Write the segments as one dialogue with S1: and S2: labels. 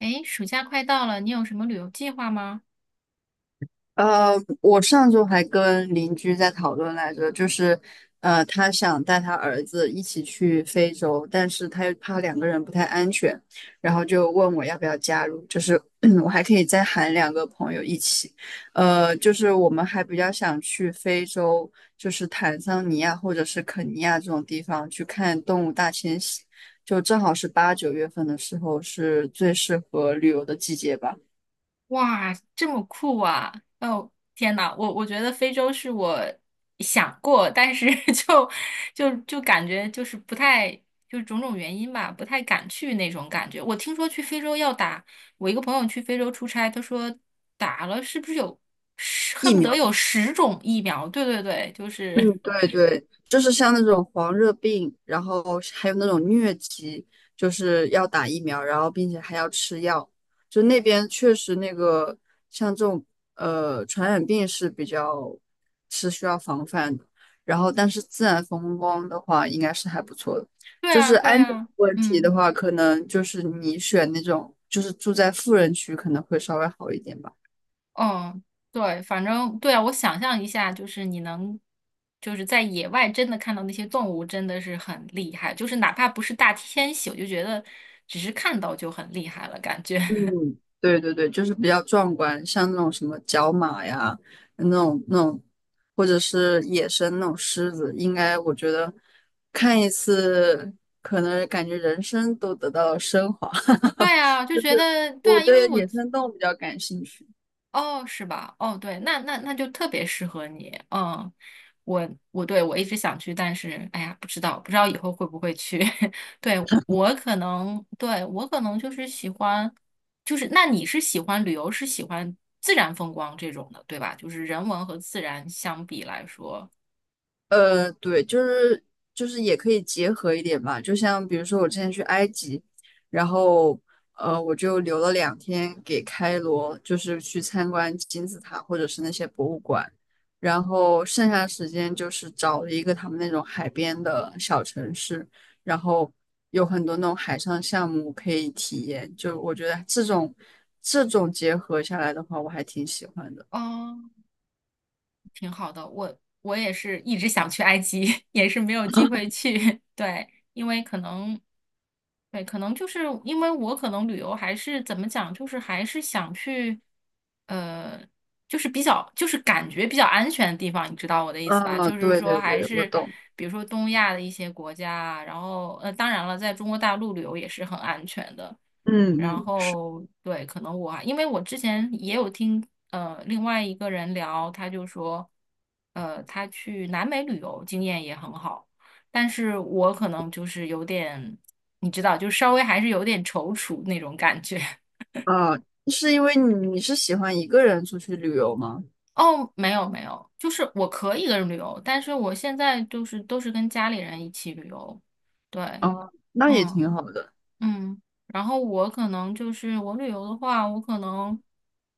S1: 诶，暑假快到了，你有什么旅游计划吗？
S2: 呃，我上周还跟邻居在讨论来着，就是他想带他儿子一起去非洲，但是他又怕两个人不太安全，然后就问我要不要加入，就是 我还可以再喊两个朋友一起，就是我们还比较想去非洲，就是坦桑尼亚或者是肯尼亚这种地方去看动物大迁徙，就正好是八九月份的时候，是最适合旅游的季节吧。
S1: 哇，这么酷啊！哦，天呐，我觉得非洲是我想过，但是 就就感觉就是不太，就是种种原因吧，不太敢去那种感觉。我听说去非洲要打，我一个朋友去非洲出差，他说打了是不是有十，恨
S2: 疫
S1: 不得
S2: 苗。
S1: 有10种疫苗？对对对，就是
S2: 嗯，对对，就是像那种黄热病，然后还有那种疟疾，就是要打疫苗，然后并且还要吃药。就那边确实那个像这种传染病是比较是需要防范的。然后，但是自然风光的话，应该是还不错的。
S1: 对
S2: 就
S1: 啊，
S2: 是
S1: 对
S2: 安全
S1: 啊，
S2: 问题的
S1: 嗯。
S2: 话，可能就是你选那种就是住在富人区可能会稍微好一点吧。
S1: 嗯，对，反正对啊，我想象一下，就是你能，就是在野外真的看到那些动物，真的是很厉害。就是哪怕不是大迁徙，我就觉得只是看到就很厉害了，感觉。
S2: 嗯，对对对，就是比较壮观，像那种什么角马呀，那种,或者是野生那种狮子，应该我觉得看一次，可能感觉人生都得到了升华。
S1: 对啊，就
S2: 就
S1: 觉
S2: 是
S1: 得对
S2: 我
S1: 啊，因为
S2: 对
S1: 我
S2: 野生动物比较感兴趣。
S1: 哦，是吧？哦，对，那就特别适合你。嗯，我对我一直想去，但是哎呀，不知道不知道以后会不会去。对，我可能，对，我可能就是喜欢，就是那你是喜欢旅游，是喜欢自然风光这种的，对吧？就是人文和自然相比来说，
S2: 对，就是也可以结合一点吧，就像比如说我之前去埃及，然后我就留了2天给开罗，就是去参观金字塔或者是那些博物馆，然后剩下的时间就是找了一个他们那种海边的小城市，然后有很多那种海上项目可以体验，就我觉得这种结合下来的话，我还挺喜欢的。
S1: 哦，挺好的。我也是一直想去埃及，也是没有机会去。对。因为可能，对，可能就是因为我可能旅游还是怎么讲，就是还是想去，呃，就是比较就是感觉比较安全的地方，你知道我的意思吧？
S2: 啊，
S1: 就是
S2: 对
S1: 说
S2: 对
S1: 还
S2: 对，我
S1: 是
S2: 懂，
S1: 比如说东亚的一些国家啊然后当然了，在中国大陆旅游也是很安全的。
S2: 嗯
S1: 然
S2: 嗯。
S1: 后对，可能我还因为我之前也有听另外一个人聊，他就说，他去南美旅游经验也很好。但是我可能就是有点，你知道，就稍微还是有点踌躇那种感觉。
S2: 啊，是因为你是喜欢一个人出去旅游吗？
S1: 哦，没有没有，就是我可以一个人旅游，但是我现在就是都是跟家里人一起旅游。对，
S2: 啊，那也
S1: 嗯
S2: 挺好的。
S1: 嗯，然后我可能就是我旅游的话，我可能，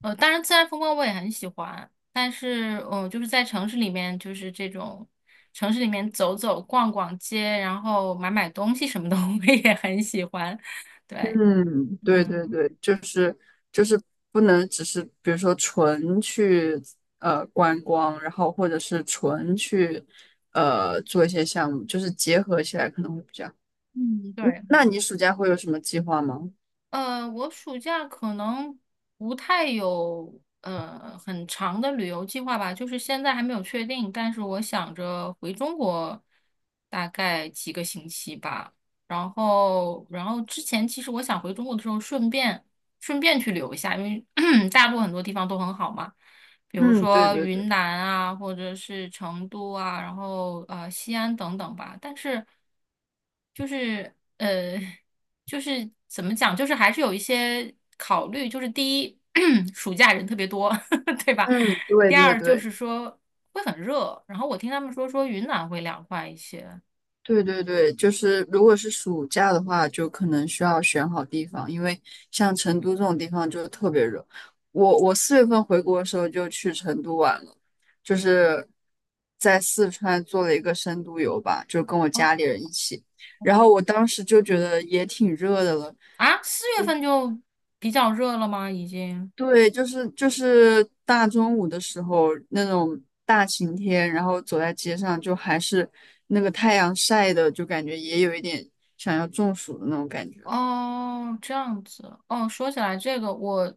S1: 当然自然风光我也很喜欢，但是嗯，就是在城市里面，就是这种城市里面走走逛逛街，然后买买东西什么的，我也很喜欢。对。
S2: 嗯，对
S1: 嗯。
S2: 对对，就是就是不能只是比如说纯去观光，然后或者是纯去做一些项目，就是结合起来可能会比较好。
S1: 嗯，
S2: 嗯，
S1: 对，
S2: 那你暑假会有什么计划吗？
S1: 我暑假可能不太有很长的旅游计划吧，就是现在还没有确定，但是我想着回中国大概几个星期吧，然后之前其实我想回中国的时候顺便去旅游一下，因为 大陆很多地方都很好嘛，比如
S2: 嗯，对
S1: 说
S2: 对对，
S1: 云南啊，或者是成都啊，然后西安等等吧，但是就是呃。就是怎么讲，就是还是有一些考虑，就是第一，暑假人特别多，对吧？
S2: 嗯，对
S1: 第
S2: 对
S1: 二就
S2: 对。
S1: 是说会很热，然后我听他们说云南会凉快一些。
S2: 对对对，就是如果是暑假的话，就可能需要选好地方，因为像成都这种地方就特别热。我4月份回国的时候就去成都玩了，就是在四川做了一个深度游吧，就跟我
S1: 哦，
S2: 家里人一起。然后我当时就觉得也挺热的了，
S1: 啊，4月份就比较热了吗？已经？
S2: 对，就是大中午的时候那种大晴天，然后走在街上，就还是那个太阳晒的，就感觉也有一点想要中暑的那种感觉。
S1: 哦，这样子。哦，说起来这个，我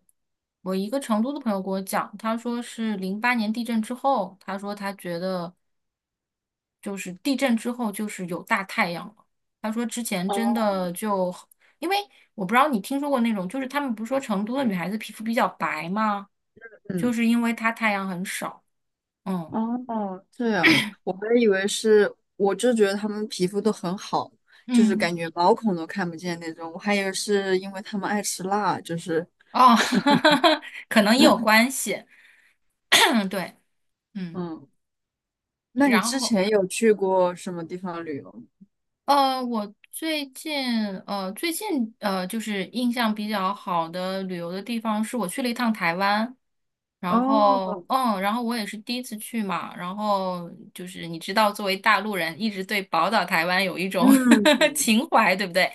S1: 我一个成都的朋友给我讲，他说是08年地震之后，他说他觉得就是地震之后就是有大太阳了。他说之前真
S2: 哦
S1: 的就，因为我不知道你听说过那种，就是他们不是说成都的女孩子皮肤比较白吗？就
S2: 嗯，
S1: 是因为她太阳很少。嗯
S2: 哦，这样，我还以为是，我就觉得他们皮肤都很好，就是
S1: 嗯，
S2: 感觉毛孔都看不见那种，我还以为是因为他们爱吃辣，就是，
S1: 哦，可能也有关系。嗯，对，嗯，
S2: 嗯，
S1: 对
S2: 那你
S1: 然
S2: 之
S1: 后。
S2: 前有去过什么地方旅游吗？
S1: 我最近就是印象比较好的旅游的地方是我去了一趟台湾，然后
S2: 哦，
S1: 嗯，然后我也是第一次去嘛，然后就是你知道，作为大陆人，一直对宝岛台湾有一种
S2: 嗯，
S1: 情怀，对不对？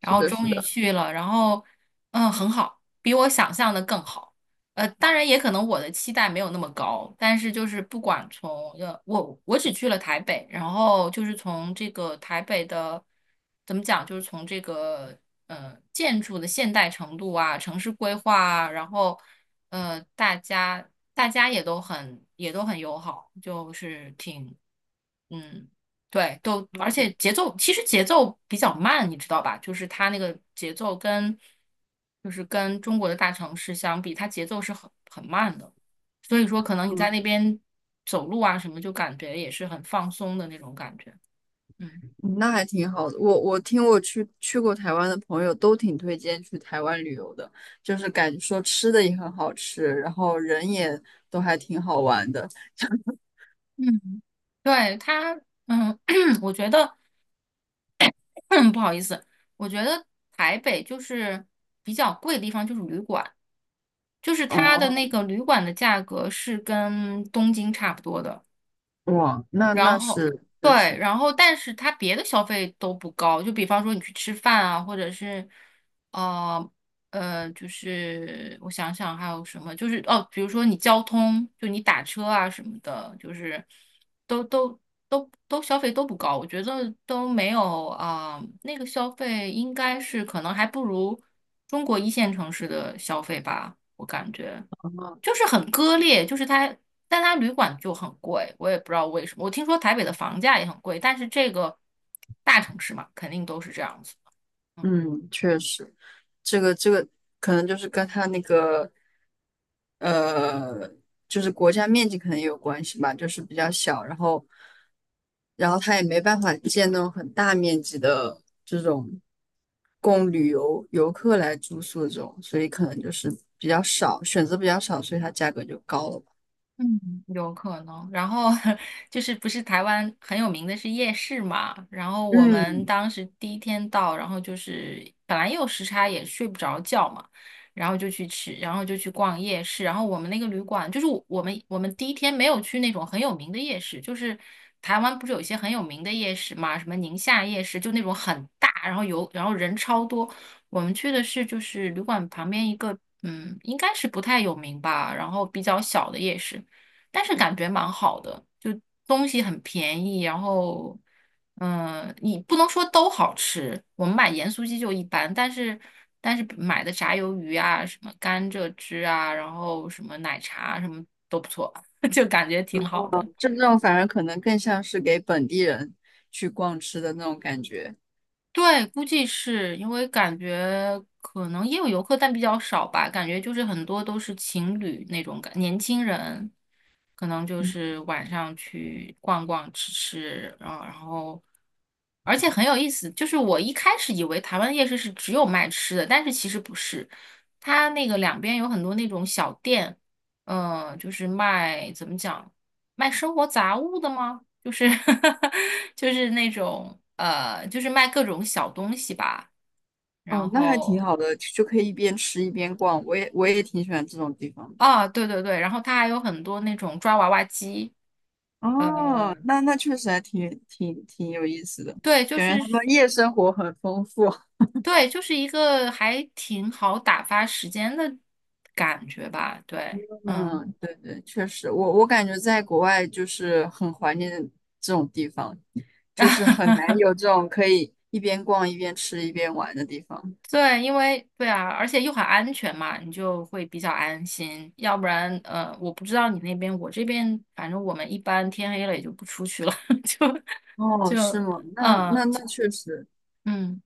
S1: 然
S2: 是
S1: 后
S2: 的，是
S1: 终于
S2: 的。
S1: 去了，然后嗯，很好，比我想象的更好。当然也可能我的期待没有那么高，但是就是不管从我只去了台北，然后就是从这个台北的怎么讲，就是从这个建筑的现代程度啊，城市规划啊然后大家也都很友好，就是挺嗯对，都，而且节奏其实节奏比较慢，你知道吧？就是它那个节奏跟，就是跟中国的大城市相比，它节奏是很慢的，所以说可能你
S2: 嗯。
S1: 在那边走路啊什么，就感觉也是很放松的那种感觉。嗯
S2: 嗯那还挺好的。我听我去过台湾的朋友都挺推荐去台湾旅游的，就是感觉说吃的也很好吃，然后人也都还挺好玩的。
S1: 嗯，对，它，嗯，我觉得 不好意思，我觉得台北就是比较贵的地方就是旅馆，就是它的
S2: 哦，
S1: 那个旅馆的价格是跟东京差不多的。
S2: 哇，那
S1: 然
S2: 那
S1: 后
S2: 是确
S1: 对，
S2: 实，
S1: 然后但是它别的消费都不高，就比方说你去吃饭啊，或者是呃就是我想想还有什么，就是哦，比如说你交通，就你打车啊什么的，就是都都都消费都不高，我觉得都没有啊，那个消费应该是可能还不如中国一线城市的消费吧，我感觉。
S2: 哦，
S1: 就是很割裂，就是它，但它旅馆就很贵，我也不知道为什么。我听说台北的房价也很贵，但是这个大城市嘛，肯定都是这样子的。嗯。
S2: 嗯，确实。这个可能就是跟它那个呃，就是国家面积可能也有关系吧，就是比较小，然后它也没办法建那种很大面积的这种供旅游游客来住宿这种，所以可能就是比较少，选择比较少，所以它价格就高了吧。
S1: 嗯，有可能。然后 就是不是台湾很有名的是夜市嘛？然后我们
S2: 嗯，
S1: 当时第一天到，然后就是本来也有时差，也睡不着觉嘛，然后就去吃，然后就去逛夜市。然后我们那个旅馆，就是我们第一天没有去那种很有名的夜市，就是台湾不是有一些很有名的夜市嘛，什么宁夏夜市，就那种很大，然后有然后人超多。我们去的是就是旅馆旁边一个，嗯，应该是不太有名吧，然后比较小的夜市。但是感觉蛮好的，就东西很便宜，然后，嗯，你不能说都好吃，我们买盐酥鸡就一般，但是买的炸鱿鱼啊，什么甘蔗汁啊，然后什么奶茶啊什么都不错，就感觉挺好的。
S2: 这种反而可能更像是给本地人去逛吃的那种感觉。
S1: 对，估计是因为感觉可能也有游客，但比较少吧。感觉就是很多都是情侣那种感，年轻人可能就是晚上去逛逛、吃吃，然后，而且很有意思。就是我一开始以为台湾夜市是只有卖吃的，但是其实不是，它那个两边有很多那种小店，嗯、就是卖怎么讲？卖生活杂物的吗？就是 就是那种就是卖各种小东西吧。
S2: 哦，
S1: 然
S2: 那还挺
S1: 后
S2: 好的，就可以一边吃一边逛。我也挺喜欢这种地方的。
S1: 啊，对对对，然后它还有很多那种抓娃娃机。呃，
S2: 哦，那确实还挺有意思的，
S1: 对，就
S2: 感觉
S1: 是
S2: 他们夜生活很丰富。
S1: 对，就是一个还挺好打发时间的感觉吧。对，嗯。
S2: 嗯，对对，确实，我感觉在国外就是很怀念这种地方，就是很难有 这种可以一边逛一边吃一边玩的地方。
S1: 对，因为对啊，而且又很安全嘛，你就会比较安心。要不然，我不知道你那边，我这边反正我们一般天黑了也就不出去了，就
S2: 哦，是
S1: 就
S2: 吗？那
S1: 嗯
S2: 那
S1: 就
S2: 那确实，
S1: 嗯，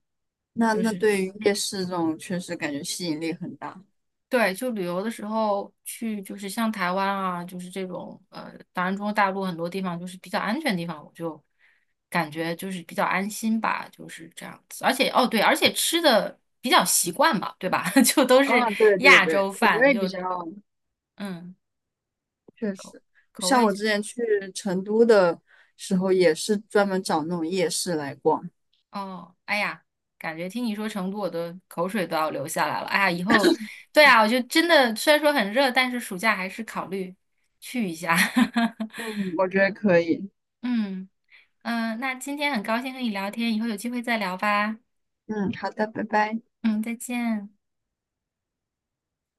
S2: 那
S1: 就
S2: 那
S1: 是
S2: 对于夜市这种确实感觉吸引力很大。
S1: 对，就旅游的时候去，就是像台湾啊，就是这种当然中国大陆很多地方就是比较安全的地方，我就感觉就是比较安心吧，就是这样子。而且哦对，而且吃的比较习惯吧，对吧？就都是
S2: 啊，对对
S1: 亚
S2: 对，
S1: 洲
S2: 口
S1: 饭，
S2: 味比
S1: 就
S2: 较。
S1: 嗯。
S2: 确
S1: 口
S2: 实，
S1: 口
S2: 像我
S1: 味
S2: 之前去成都的时候，也是专门找那种夜市来逛。
S1: 哦，哎呀，感觉听你说成都，我的口水都要流下来了。哎呀，以后对啊，我就真的虽然说很热，但是暑假还是考虑去一下。
S2: 嗯，我觉得可以。
S1: 嗯，那今天很高兴和你聊天，以后有机会再聊吧。
S2: 嗯，好的，拜拜。
S1: 嗯，再见。